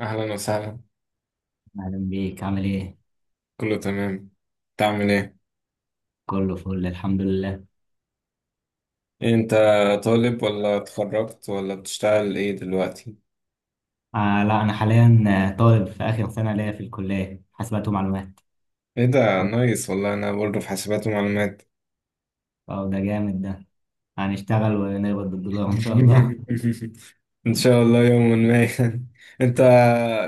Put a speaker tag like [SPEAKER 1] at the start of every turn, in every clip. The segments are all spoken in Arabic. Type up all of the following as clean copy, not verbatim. [SPEAKER 1] أهلا وسهلا.
[SPEAKER 2] أهلا بيك، عامل إيه؟
[SPEAKER 1] كله تمام. تعمل إيه؟
[SPEAKER 2] كله فل الحمد لله.
[SPEAKER 1] أنت طالب ولا اتخرجت ولا بتشتغل إيه دلوقتي؟
[SPEAKER 2] لا، أنا حاليا طالب في آخر سنة ليا في الكلية حاسبات ومعلومات.
[SPEAKER 1] إيه ده، نايس والله، أنا برضه في حاسبات ومعلومات.
[SPEAKER 2] أه، ده جامد ده. هنشتغل ونقبض بالدولار إن شاء الله.
[SPEAKER 1] إن شاء الله يوما ما. أنت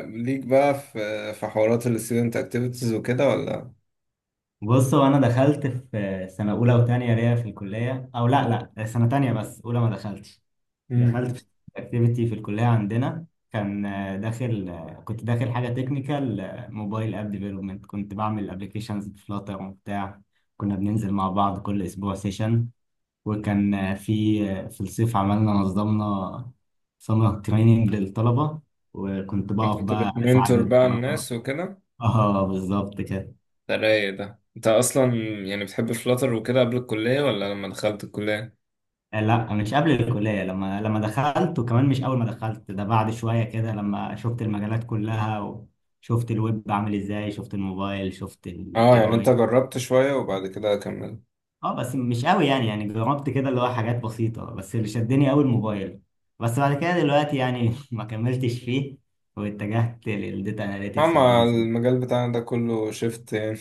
[SPEAKER 1] ليك بقى في حوارات ال student activities وكده ولا؟
[SPEAKER 2] بص، هو أنا دخلت في سنة أولى وتانية ليا في الكلية، أو لا لا، سنة تانية بس، أولى ما دخلتش.
[SPEAKER 1] مم.
[SPEAKER 2] دخلت في أكتيفيتي في الكلية عندنا، كان آه، داخل آه، كنت داخل حاجة تكنيكال، موبايل اب ديفلوبمنت، كنت بعمل ابلكيشنز بفلاتر وبتاع. كنا بننزل مع بعض كل أسبوع سيشن، وكان في الصيف نظمنا سمر تريننج للطلبة، وكنت بقف
[SPEAKER 1] كنت
[SPEAKER 2] بقى أساعد
[SPEAKER 1] بتمنتور بقى
[SPEAKER 2] الطلبة.
[SPEAKER 1] الناس وكده؟
[SPEAKER 2] اه، بالظبط كده.
[SPEAKER 1] ده رايق ده، أنت أصلا يعني بتحب فلاتر وكده قبل الكلية ولا لما دخلت الكلية؟
[SPEAKER 2] لا، مش قبل الكلية، لما دخلت، وكمان مش أول ما دخلت، ده بعد شوية كده، لما شفت المجالات كلها، وشفت الويب عامل ازاي، شفت الموبايل، شفت ال
[SPEAKER 1] اه، يعني انت
[SPEAKER 2] AI.
[SPEAKER 1] جربت شوية وبعد كده كملت.
[SPEAKER 2] اه بس مش قوي، يعني جربت كده اللي هو حاجات بسيطة، بس اللي شدني قوي الموبايل. بس بعد كده دلوقتي يعني ما كملتش فيه، واتجهت للديتا اناليتكس
[SPEAKER 1] أما
[SPEAKER 2] والبيزنس
[SPEAKER 1] المجال بتاعنا ده كله شفت يعني،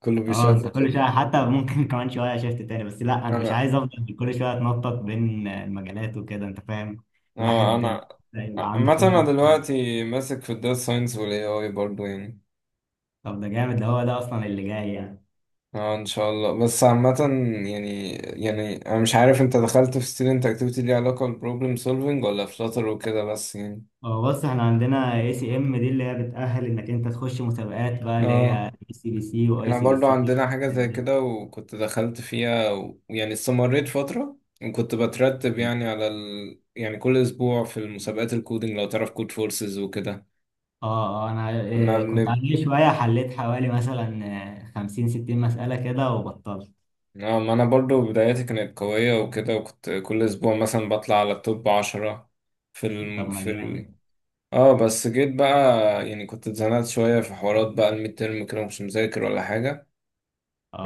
[SPEAKER 1] كله
[SPEAKER 2] اه،
[SPEAKER 1] بيشاف
[SPEAKER 2] انت كل شوية
[SPEAKER 1] كده.
[SPEAKER 2] حتى ممكن كمان شوية شفت تاني، بس لا، انا مش
[SPEAKER 1] أنا
[SPEAKER 2] عايز افضل كل شوية اتنطط بين المجالات وكده، انت فاهم.
[SPEAKER 1] آه،
[SPEAKER 2] الواحد
[SPEAKER 1] أنا
[SPEAKER 2] يبقى عنده
[SPEAKER 1] عامة أنا
[SPEAKER 2] خبرة في حاجة.
[SPEAKER 1] دلوقتي ماسك في الداتا ساينس وال AI برضه يعني.
[SPEAKER 2] طب ده جامد ده، هو ده اصلا اللي جاي يعني.
[SPEAKER 1] اه، ان شاء الله، بس عامة يعني انا مش عارف انت دخلت في student activity ليها علاقة بالبروبلم سولفينج ولا في شاطر وكده، بس يعني.
[SPEAKER 2] اه، بص، احنا عندنا اي سي ام دي، اللي هي بتأهل انك انت تخش مسابقات بقى، اللي هي
[SPEAKER 1] اه،
[SPEAKER 2] اي سي بي سي واي
[SPEAKER 1] احنا
[SPEAKER 2] سي بي
[SPEAKER 1] برضو
[SPEAKER 2] سي.
[SPEAKER 1] عندنا حاجة زي كده وكنت دخلت فيها ويعني استمريت فترة، وكنت بترتب يعني على يعني كل اسبوع في المسابقات الكودينج، لو تعرف كود فورسز وكده.
[SPEAKER 2] اه، انا
[SPEAKER 1] كنا
[SPEAKER 2] كنت
[SPEAKER 1] بن...
[SPEAKER 2] عندي شوية، حليت حوالي مثلا خمسين ستين مسألة كده وبطلت.
[SPEAKER 1] ما أنا برضو بداياتي كانت قوية وكده، وكنت كل أسبوع مثلا بطلع على التوب 10 في
[SPEAKER 2] طب
[SPEAKER 1] ال...
[SPEAKER 2] ما
[SPEAKER 1] في ال...
[SPEAKER 2] جامد.
[SPEAKER 1] اه بس جيت بقى، يعني كنت اتزنقت شوية في حوارات بقى الميد ترم كده، مش مذاكر ولا حاجة.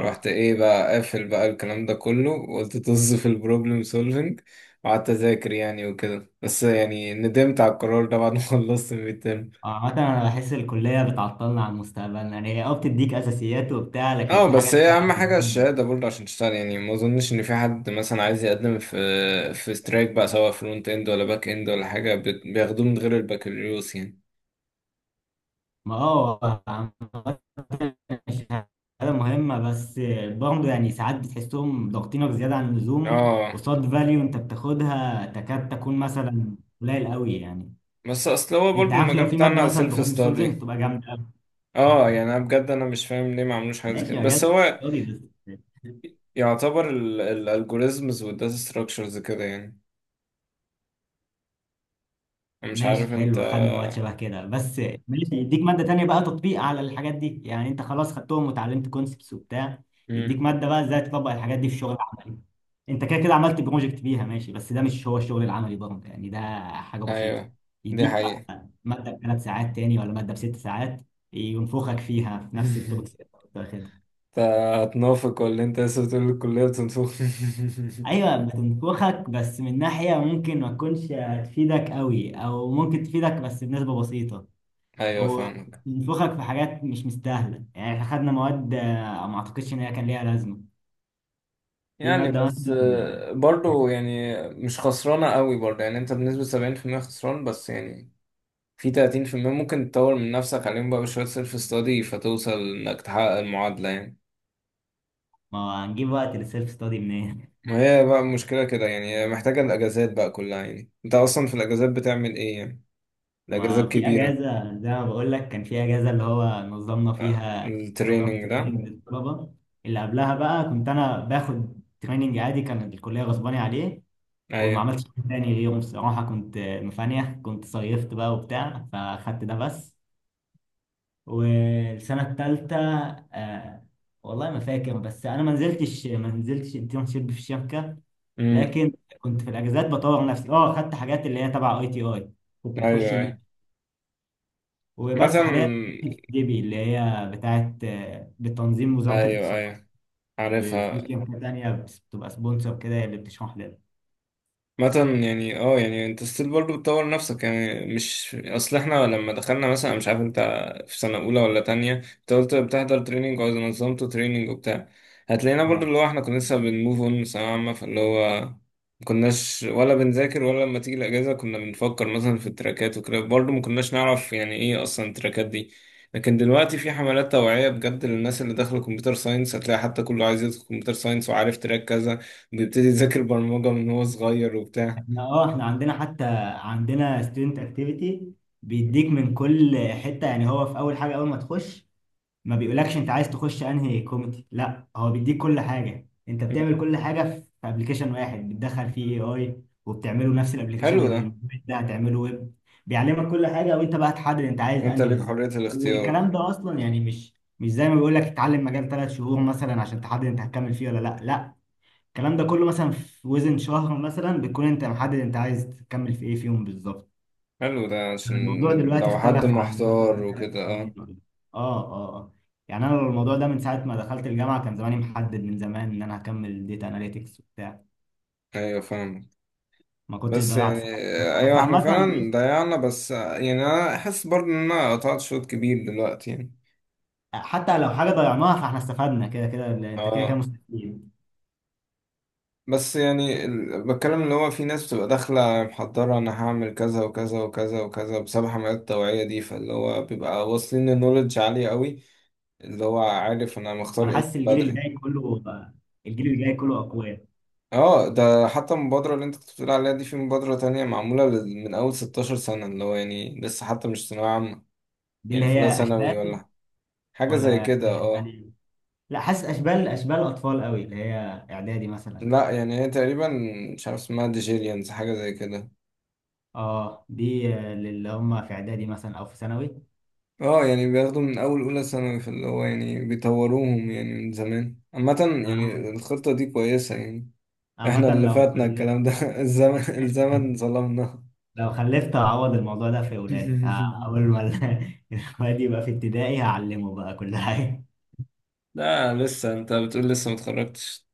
[SPEAKER 1] رحت ايه بقى، قافل بقى الكلام ده كله وقلت طز في البروبلم سولفينج وقعدت اذاكر يعني وكده. بس يعني ندمت على القرار ده بعد ما خلصت الميد.
[SPEAKER 2] اه، عامة انا بحس الكلية بتعطلنا عن مستقبلنا، يعني هي اه بتديك اساسيات وبتاع لكن
[SPEAKER 1] اه،
[SPEAKER 2] في
[SPEAKER 1] بس
[SPEAKER 2] حاجات.
[SPEAKER 1] هي اهم حاجه الشهاده برضه عشان تشتغل يعني، ما اظنش ان في حد مثلا عايز يقدم في سترايك بقى، سواء فرونت اند ولا باك اند ولا حاجه، بياخدوه من غير البكالوريوس يعني.
[SPEAKER 2] ما عامة، الشهادة مهمة، بس برضه يعني ساعات بتحسهم ضاغطينك زيادة عن اللزوم
[SPEAKER 1] اه.
[SPEAKER 2] قصاد فاليو انت بتاخدها، تكاد تكون مثلا قليل قوي يعني.
[SPEAKER 1] بس اصل هو برضه
[SPEAKER 2] انت عارف، لو
[SPEAKER 1] المجال
[SPEAKER 2] في مادة
[SPEAKER 1] بتاعنا
[SPEAKER 2] مثلا
[SPEAKER 1] سيلف
[SPEAKER 2] بروبلم سولفنج
[SPEAKER 1] ستادي.
[SPEAKER 2] تبقى جامدة،
[SPEAKER 1] اه يعني انا بجد انا مش فاهم ليه ما عملوش حاجه زي كده،
[SPEAKER 2] ماشي.
[SPEAKER 1] بس
[SPEAKER 2] مجال
[SPEAKER 1] هو
[SPEAKER 2] فاضي بس،
[SPEAKER 1] يعتبر الالجوريزمز والداتا ستراكشرز كده يعني. أنا مش عارف
[SPEAKER 2] ماشي
[SPEAKER 1] انت.
[SPEAKER 2] حلو، خدنا وقت شبه كده بس، ماشي، يديك مادة تانية بقى تطبيق على الحاجات دي، يعني انت خلاص خدتهم وتعلمت كونسبتس وبتاع، يديك
[SPEAKER 1] مم.
[SPEAKER 2] مادة بقى ازاي تطبق الحاجات دي في الشغل العملي. انت كده كده عملت بروجكت بيها، ماشي، بس ده مش هو الشغل العملي برضه يعني، ده حاجة بسيطة.
[SPEAKER 1] ايوه، دي
[SPEAKER 2] يديك
[SPEAKER 1] حقيقه.
[SPEAKER 2] بقى مادة بثلاث ساعات تاني ولا مادة بست ساعات ينفخك فيها في نفس التوبكس اللي انت كنت واخدها.
[SPEAKER 1] انت هتنافق ولا انت لسه بتقول الكليه بتنفخ؟
[SPEAKER 2] ايوه، بتنفخك، بس من ناحيه ممكن ما تكونش هتفيدك قوي، او ممكن تفيدك بس بنسبه بسيطه،
[SPEAKER 1] ايوه فاهمك.
[SPEAKER 2] وبنفخك في حاجات مش مستاهله. يعني احنا خدنا مواد ما اعتقدش ان هي كان ليها لازمه. في
[SPEAKER 1] يعني
[SPEAKER 2] ماده مثلا
[SPEAKER 1] بس
[SPEAKER 2] آه،
[SPEAKER 1] برضو يعني مش خسرانة قوي برضو، يعني انت بنسبة 70% خسران، بس يعني في 30% ممكن تطور من نفسك عليهم بقى بشوية سيلف استادي، فتوصل انك تحقق المعادلة يعني.
[SPEAKER 2] ما هو، هنجيب وقت للسيلف ستادي منين؟
[SPEAKER 1] ما هي بقى المشكلة كده يعني، هي محتاجة الأجازات بقى كلها. يعني انت أصلا في الأجازات بتعمل ايه يعني؟ الأجازات
[SPEAKER 2] ما في
[SPEAKER 1] كبيرة.
[SPEAKER 2] اجازه زي ما بقول لك، كان في اجازه اللي هو نظمنا فيها. طبعا
[SPEAKER 1] التريننج ده.
[SPEAKER 2] تريننج للطلبه. اللي قبلها بقى كنت انا باخد تريننج عادي كان الكليه غصباني عليه. وما
[SPEAKER 1] أيوه.
[SPEAKER 2] عملتش حاجة تاني اليوم. الصراحه كنت مفانيه، كنت صيفت بقى وبتاع، فاخدت ده بس. والسنة التالتة آه والله ما فاكر، بس أنا ما نزلتش انترنشيب في الشركة.
[SPEAKER 1] امم.
[SPEAKER 2] لكن كنت في الأجازات بطور نفسي. أه، خدت حاجات اللي هي تبع أي تي أي، كنت
[SPEAKER 1] أيوه،
[SPEAKER 2] بخش المنح
[SPEAKER 1] أيوه،
[SPEAKER 2] وبس.
[SPEAKER 1] مثلا
[SPEAKER 2] حاليا في ديبي اللي هي بتاعت بتنظيم وزارة
[SPEAKER 1] أيوه،
[SPEAKER 2] الاتصالات،
[SPEAKER 1] أيوه،
[SPEAKER 2] في
[SPEAKER 1] عارفها.
[SPEAKER 2] شركة تانية بتبقى سبونسر كده، هي اللي بتشرح لنا.
[SPEAKER 1] مثلا يعني اه، يعني انت ستيل برضه بتطور نفسك يعني. مش اصل احنا لما دخلنا، مثلا أنا مش عارف انت في سنة اولى ولا تانية، انت قلت بتحضر تريننج او نظمته تريننج وبتاع. هتلاقينا برضه،
[SPEAKER 2] اه،
[SPEAKER 1] اللي هو احنا كنا لسه بنموف اون ثانوية عامة، فاللي هو ما كناش ولا بنذاكر، ولا لما تيجي الاجازة كنا بنفكر مثلا في التراكات وكده، برضه ما كناش نعرف يعني ايه اصلا التراكات دي. لكن دلوقتي في حملات توعية بجد للناس اللي داخلة كمبيوتر ساينس، هتلاقي حتى كله عايز يدخل كمبيوتر ساينس وعارف تراك كذا، بيبتدي يذاكر برمجة من هو صغير وبتاع.
[SPEAKER 2] احنا عندنا حتى، عندنا ستودنت اكتيفيتي بيديك من كل حتة. يعني هو في أول حاجة، أول ما تخش ما بيقولكش انت عايز تخش انهي كوميدي، لا، هو بيديك كل حاجه، انت
[SPEAKER 1] مم.
[SPEAKER 2] بتعمل كل حاجه في ابلكيشن واحد بتدخل فيه اي اي، وبتعمله نفس الابلكيشن
[SPEAKER 1] حلو ده.
[SPEAKER 2] اللي ده هتعمله ويب. بيعلمك كل حاجه، وانت بقى تحدد انت
[SPEAKER 1] إن
[SPEAKER 2] عايز
[SPEAKER 1] انت
[SPEAKER 2] انهي
[SPEAKER 1] ليك
[SPEAKER 2] بالظبط.
[SPEAKER 1] حرية الاختيار.
[SPEAKER 2] والكلام ده اصلا يعني مش زي ما بيقولك اتعلم مجال 3 شهور مثلا عشان تحدد انت هتكمل فيه ولا لا لا. الكلام ده كله مثلا في وزن شهر مثلا بتكون انت محدد انت عايز تكمل في ايه فيهم بالظبط.
[SPEAKER 1] حلو ده، عشان
[SPEAKER 2] الموضوع دلوقتي
[SPEAKER 1] لو حد
[SPEAKER 2] اختلف عن
[SPEAKER 1] محتار
[SPEAKER 2] مثلا ثلاث
[SPEAKER 1] وكده. اه.
[SPEAKER 2] سنين اه، اه، آه. يعني انا الموضوع ده من ساعه ما دخلت الجامعه كان زماني محدد من زمان ان انا هكمل ديتا اناليتكس وبتاع،
[SPEAKER 1] ايوه فاهم.
[SPEAKER 2] ما كنتش
[SPEAKER 1] بس
[SPEAKER 2] ضيعت
[SPEAKER 1] يعني،
[SPEAKER 2] سنه في الفترة. بس
[SPEAKER 1] ايوه احنا
[SPEAKER 2] عامه، بص،
[SPEAKER 1] فعلا ضيعنا، بس يعني انا حاسس برضه ان انا قطعت شوط كبير دلوقتي يعني.
[SPEAKER 2] حتى لو حاجه ضيعناها، فاحنا استفدنا كده كده، لأن انت كده كده
[SPEAKER 1] اه
[SPEAKER 2] مستفيد.
[SPEAKER 1] بس يعني بتكلم اللي هو في ناس بتبقى داخلة محضرة، انا هعمل كذا وكذا وكذا وكذا، بسبب حملات التوعية دي، فاللي هو بيبقى واصلين لنولج عالية قوي، اللي هو عارف انا مختار
[SPEAKER 2] انا
[SPEAKER 1] ايه
[SPEAKER 2] حاسس
[SPEAKER 1] من
[SPEAKER 2] الجيل اللي
[SPEAKER 1] بدري.
[SPEAKER 2] جاي كله، اقوياء.
[SPEAKER 1] اه، ده حتى المبادرة اللي انت كنت بتقول عليها دي، في مبادرة تانية معمولة من أول 16 سنة، اللي هو يعني لسه حتى مش ثانوية عامة،
[SPEAKER 2] دي اللي
[SPEAKER 1] يعني في أولى
[SPEAKER 2] هي
[SPEAKER 1] ثانوي
[SPEAKER 2] اشبال،
[SPEAKER 1] ولا حاجة زي
[SPEAKER 2] ولا
[SPEAKER 1] كده، اه.
[SPEAKER 2] يعني، لا، حاسس اشبال اشبال اطفال قوي اللي هي اعدادي مثلا.
[SPEAKER 1] لا يعني هي تقريبا، مش عارف اسمها، ديجيريانز حاجة زي كده.
[SPEAKER 2] اه، دي اللي هم في اعدادي مثلا او في ثانوي.
[SPEAKER 1] اه، يعني بياخدوا من أول أولى ثانوي، فاللي هو يعني بيطوروهم يعني من زمان. عامة
[SPEAKER 2] آه،
[SPEAKER 1] يعني الخطة دي كويسة يعني. احنا
[SPEAKER 2] عامة
[SPEAKER 1] اللي
[SPEAKER 2] لو
[SPEAKER 1] فاتنا
[SPEAKER 2] خلفت،
[SPEAKER 1] الكلام ده الزمن، الزمن ظلمنا.
[SPEAKER 2] لو خلفت هعوض الموضوع ده في ولادي أول ما الواد يبقى في ابتدائي هعلمه بقى كل حاجة.
[SPEAKER 1] لا، لسه انت بتقول لسه متخرجتش.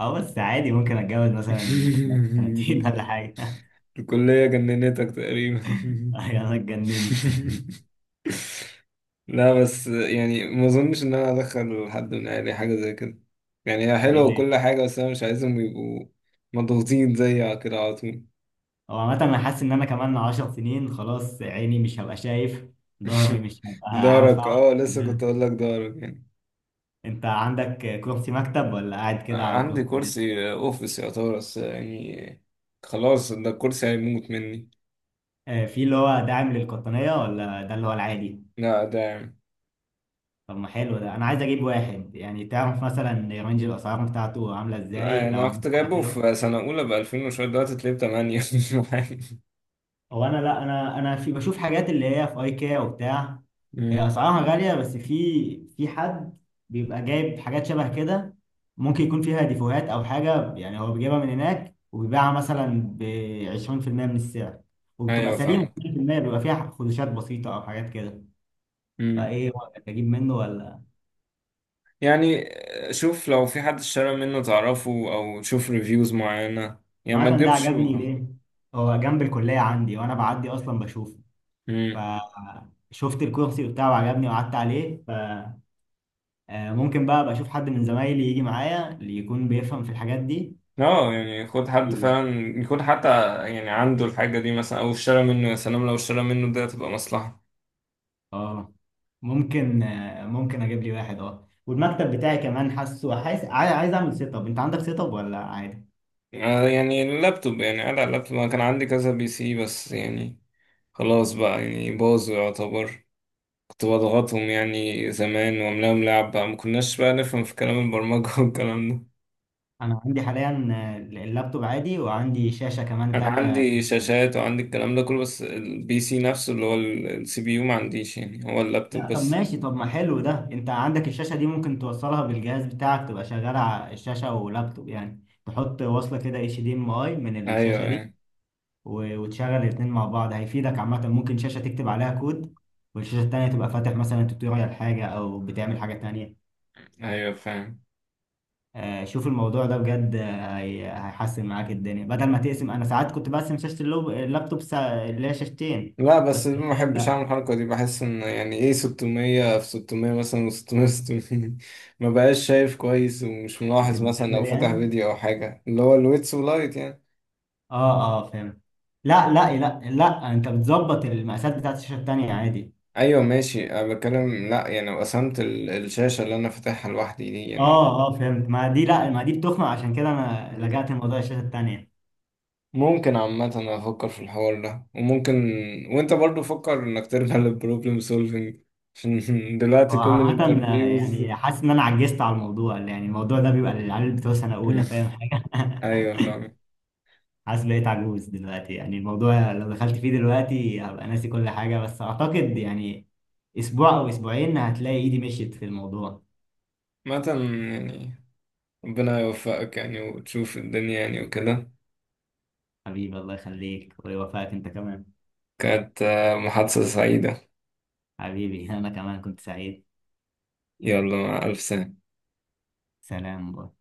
[SPEAKER 2] أه بس عادي، ممكن أتجوز مثلا في خلال سنتين ولا حاجة.
[SPEAKER 1] الكلية جننتك تقريبا.
[SPEAKER 2] أنا اتجننت.
[SPEAKER 1] لا، بس يعني ما اظنش ان انا ادخل حد من اهلي حاجة زي كده. يعني هي حلوة
[SPEAKER 2] ليه؟
[SPEAKER 1] وكل حاجة، بس انا مش عايزهم يبقوا مضغوطين زي كده على طول.
[SPEAKER 2] هو عامة أنا حاسس إن أنا كمان 10 سنين خلاص، عيني مش هبقى شايف، ظهري مش هبقى
[SPEAKER 1] دارك.
[SPEAKER 2] هينفع.
[SPEAKER 1] اه لسه كنت اقول لك دارك يعني.
[SPEAKER 2] أنت عندك كرسي مكتب ولا قاعد كده على
[SPEAKER 1] عندي
[SPEAKER 2] كرسي؟
[SPEAKER 1] كرسي اوفيس يا طارق، بس يعني خلاص، ده الكرسي هيموت مني.
[SPEAKER 2] في اللي هو داعم للقطنية ولا ده اللي هو العادي؟
[SPEAKER 1] لا، ده يعني،
[SPEAKER 2] طب ما حلو ده، انا عايز اجيب واحد، يعني تعرف مثلا رينج الاسعار بتاعته عامله
[SPEAKER 1] لا، يعني
[SPEAKER 2] ازاي لو
[SPEAKER 1] انا كنت
[SPEAKER 2] هنجيب حاجه
[SPEAKER 1] جايبه
[SPEAKER 2] حلوه.
[SPEAKER 1] في سنة اولى ب 2000 وشوية، دلوقتي تلاقيه ب 8.
[SPEAKER 2] هو انا، لا انا في بشوف حاجات اللي هي في ايكيا وبتاع، هي
[SPEAKER 1] مم.
[SPEAKER 2] اسعارها غاليه، بس في حد بيبقى جايب حاجات شبه كده، ممكن يكون فيها ديفوهات او حاجه، يعني هو بيجيبها من هناك وبيبيعها مثلا ب 20% من السعر، وبتبقى
[SPEAKER 1] ايوه
[SPEAKER 2] سليمه.
[SPEAKER 1] فاهمك.
[SPEAKER 2] 20% بيبقى فيها خدوشات بسيطه او حاجات كده.
[SPEAKER 1] امم.
[SPEAKER 2] فايه رأيك، اجيب منه ولا؟
[SPEAKER 1] يعني شوف، لو في حد اشترى منه تعرفه، او تشوف ريفيوز معينة، يعني ما
[SPEAKER 2] عامة ده
[SPEAKER 1] تجيبش.
[SPEAKER 2] عجبني. ليه؟ هو جنب الكلية عندي، وأنا بعدي أصلا بشوفه،
[SPEAKER 1] امم.
[SPEAKER 2] فشفت الكرسي وبتاع وعجبني وقعدت عليه، فممكن بقى أبقى أشوف حد من زمايلي يجي معايا اللي يكون بيفهم في الحاجات دي
[SPEAKER 1] اه يعني خد حد
[SPEAKER 2] يجيبه.
[SPEAKER 1] فعلا يكون حتى يعني عنده الحاجة دي، مثلا او اشترى منه، يا سلام لو اشترى منه ده، تبقى مصلحة.
[SPEAKER 2] اه، ممكن، أجيب لي واحد اه. والمكتب بتاعي كمان، حاسس عايز أعمل سيت أب. أنت عندك سيت أب ولا عادي؟
[SPEAKER 1] يعني اللابتوب، يعني قاعد على اللابتوب. انا كان عندي كذا بي سي بس يعني خلاص بقى، يعني باظوا يعتبر، كنت بضغطهم يعني زمان واملاهم لعب بقى، ما كناش بقى نفهم في كلام البرمجة والكلام ده.
[SPEAKER 2] أنا عندي حاليا اللابتوب عادي، وعندي شاشة كمان
[SPEAKER 1] انا
[SPEAKER 2] تانية.
[SPEAKER 1] عندي شاشات وعندي الكلام ده كله، بس البي سي نفسه اللي هو السي بي يو ما عنديش، يعني هو اللابتوب
[SPEAKER 2] لا طب
[SPEAKER 1] بس.
[SPEAKER 2] ماشي، طب ما حلو ده، انت عندك الشاشة دي ممكن توصلها بالجهاز بتاعك، تبقى شغالة على الشاشة ولابتوب، يعني تحط وصلة كده HDMI من
[SPEAKER 1] ايوه،
[SPEAKER 2] الشاشة دي
[SPEAKER 1] ايوه.
[SPEAKER 2] وتشغل الاتنين مع بعض، هيفيدك عامة. ممكن شاشة تكتب عليها كود، والشاشة التانية تبقى فاتح مثلا توتوريال حاجة او بتعمل حاجة تانية.
[SPEAKER 1] ايوه فاهم.
[SPEAKER 2] شوف الموضوع ده بجد، هيحسن معاك الدنيا بدل ما تقسم. انا ساعات كنت بقسم شاشة اللابتوب اللي هي شاشتين،
[SPEAKER 1] لا، بس
[SPEAKER 2] بس
[SPEAKER 1] ما
[SPEAKER 2] حاليا
[SPEAKER 1] بحبش
[SPEAKER 2] لا.
[SPEAKER 1] اعمل الحركه دي، بحس ان يعني ايه، 600 في 600 مثلا و600 600 ما بقاش شايف كويس، ومش ملاحظ مثلا لو
[SPEAKER 2] بتتزاول
[SPEAKER 1] فتح
[SPEAKER 2] يعني.
[SPEAKER 1] فيديو او حاجه، اللي هو الويتس ولايت يعني.
[SPEAKER 2] اه، اه، فهمت. لا لا لا لا، انت بتظبط المقاسات بتاعت الشاشه التانيه عادي.
[SPEAKER 1] ايوه ماشي، انا بتكلم لا يعني لو قسمت الشاشه اللي انا فاتحها لوحدي دي
[SPEAKER 2] اه، اه، فهمت، ما دي لا، ما دي بتخنق، عشان كده انا
[SPEAKER 1] يعني.
[SPEAKER 2] لجأت لموضوع الشاشه التانيه.
[SPEAKER 1] ممكن عامة أفكر في الحوار ده، وممكن، وأنت برضو فكر إنك ترجع للبروبلم سولفينج، عشان دلوقتي
[SPEAKER 2] هو
[SPEAKER 1] كل
[SPEAKER 2] عامة
[SPEAKER 1] الانترفيوز.
[SPEAKER 2] يعني حاسس ان انا عجزت على الموضوع، يعني الموضوع ده بيبقى للعيال بتوع سنه
[SPEAKER 1] مم.
[SPEAKER 2] اولى فاهم حاجه.
[SPEAKER 1] أيوة فاهم.
[SPEAKER 2] حاسس بقيت عجوز دلوقتي، يعني الموضوع لو دخلت فيه دلوقتي هبقى ناسي كل حاجه، بس اعتقد يعني اسبوع او اسبوعين هتلاقي ايدي مشيت في الموضوع.
[SPEAKER 1] عامة يعني ربنا يوفقك يعني، وتشوف الدنيا يعني وكده.
[SPEAKER 2] حبيبي، الله يخليك ويوفقك انت كمان.
[SPEAKER 1] كانت محادثة سعيدة.
[SPEAKER 2] حبيبي، انا كمان كنت سعيد.
[SPEAKER 1] يلا، مع ألف سنة.
[SPEAKER 2] سلام.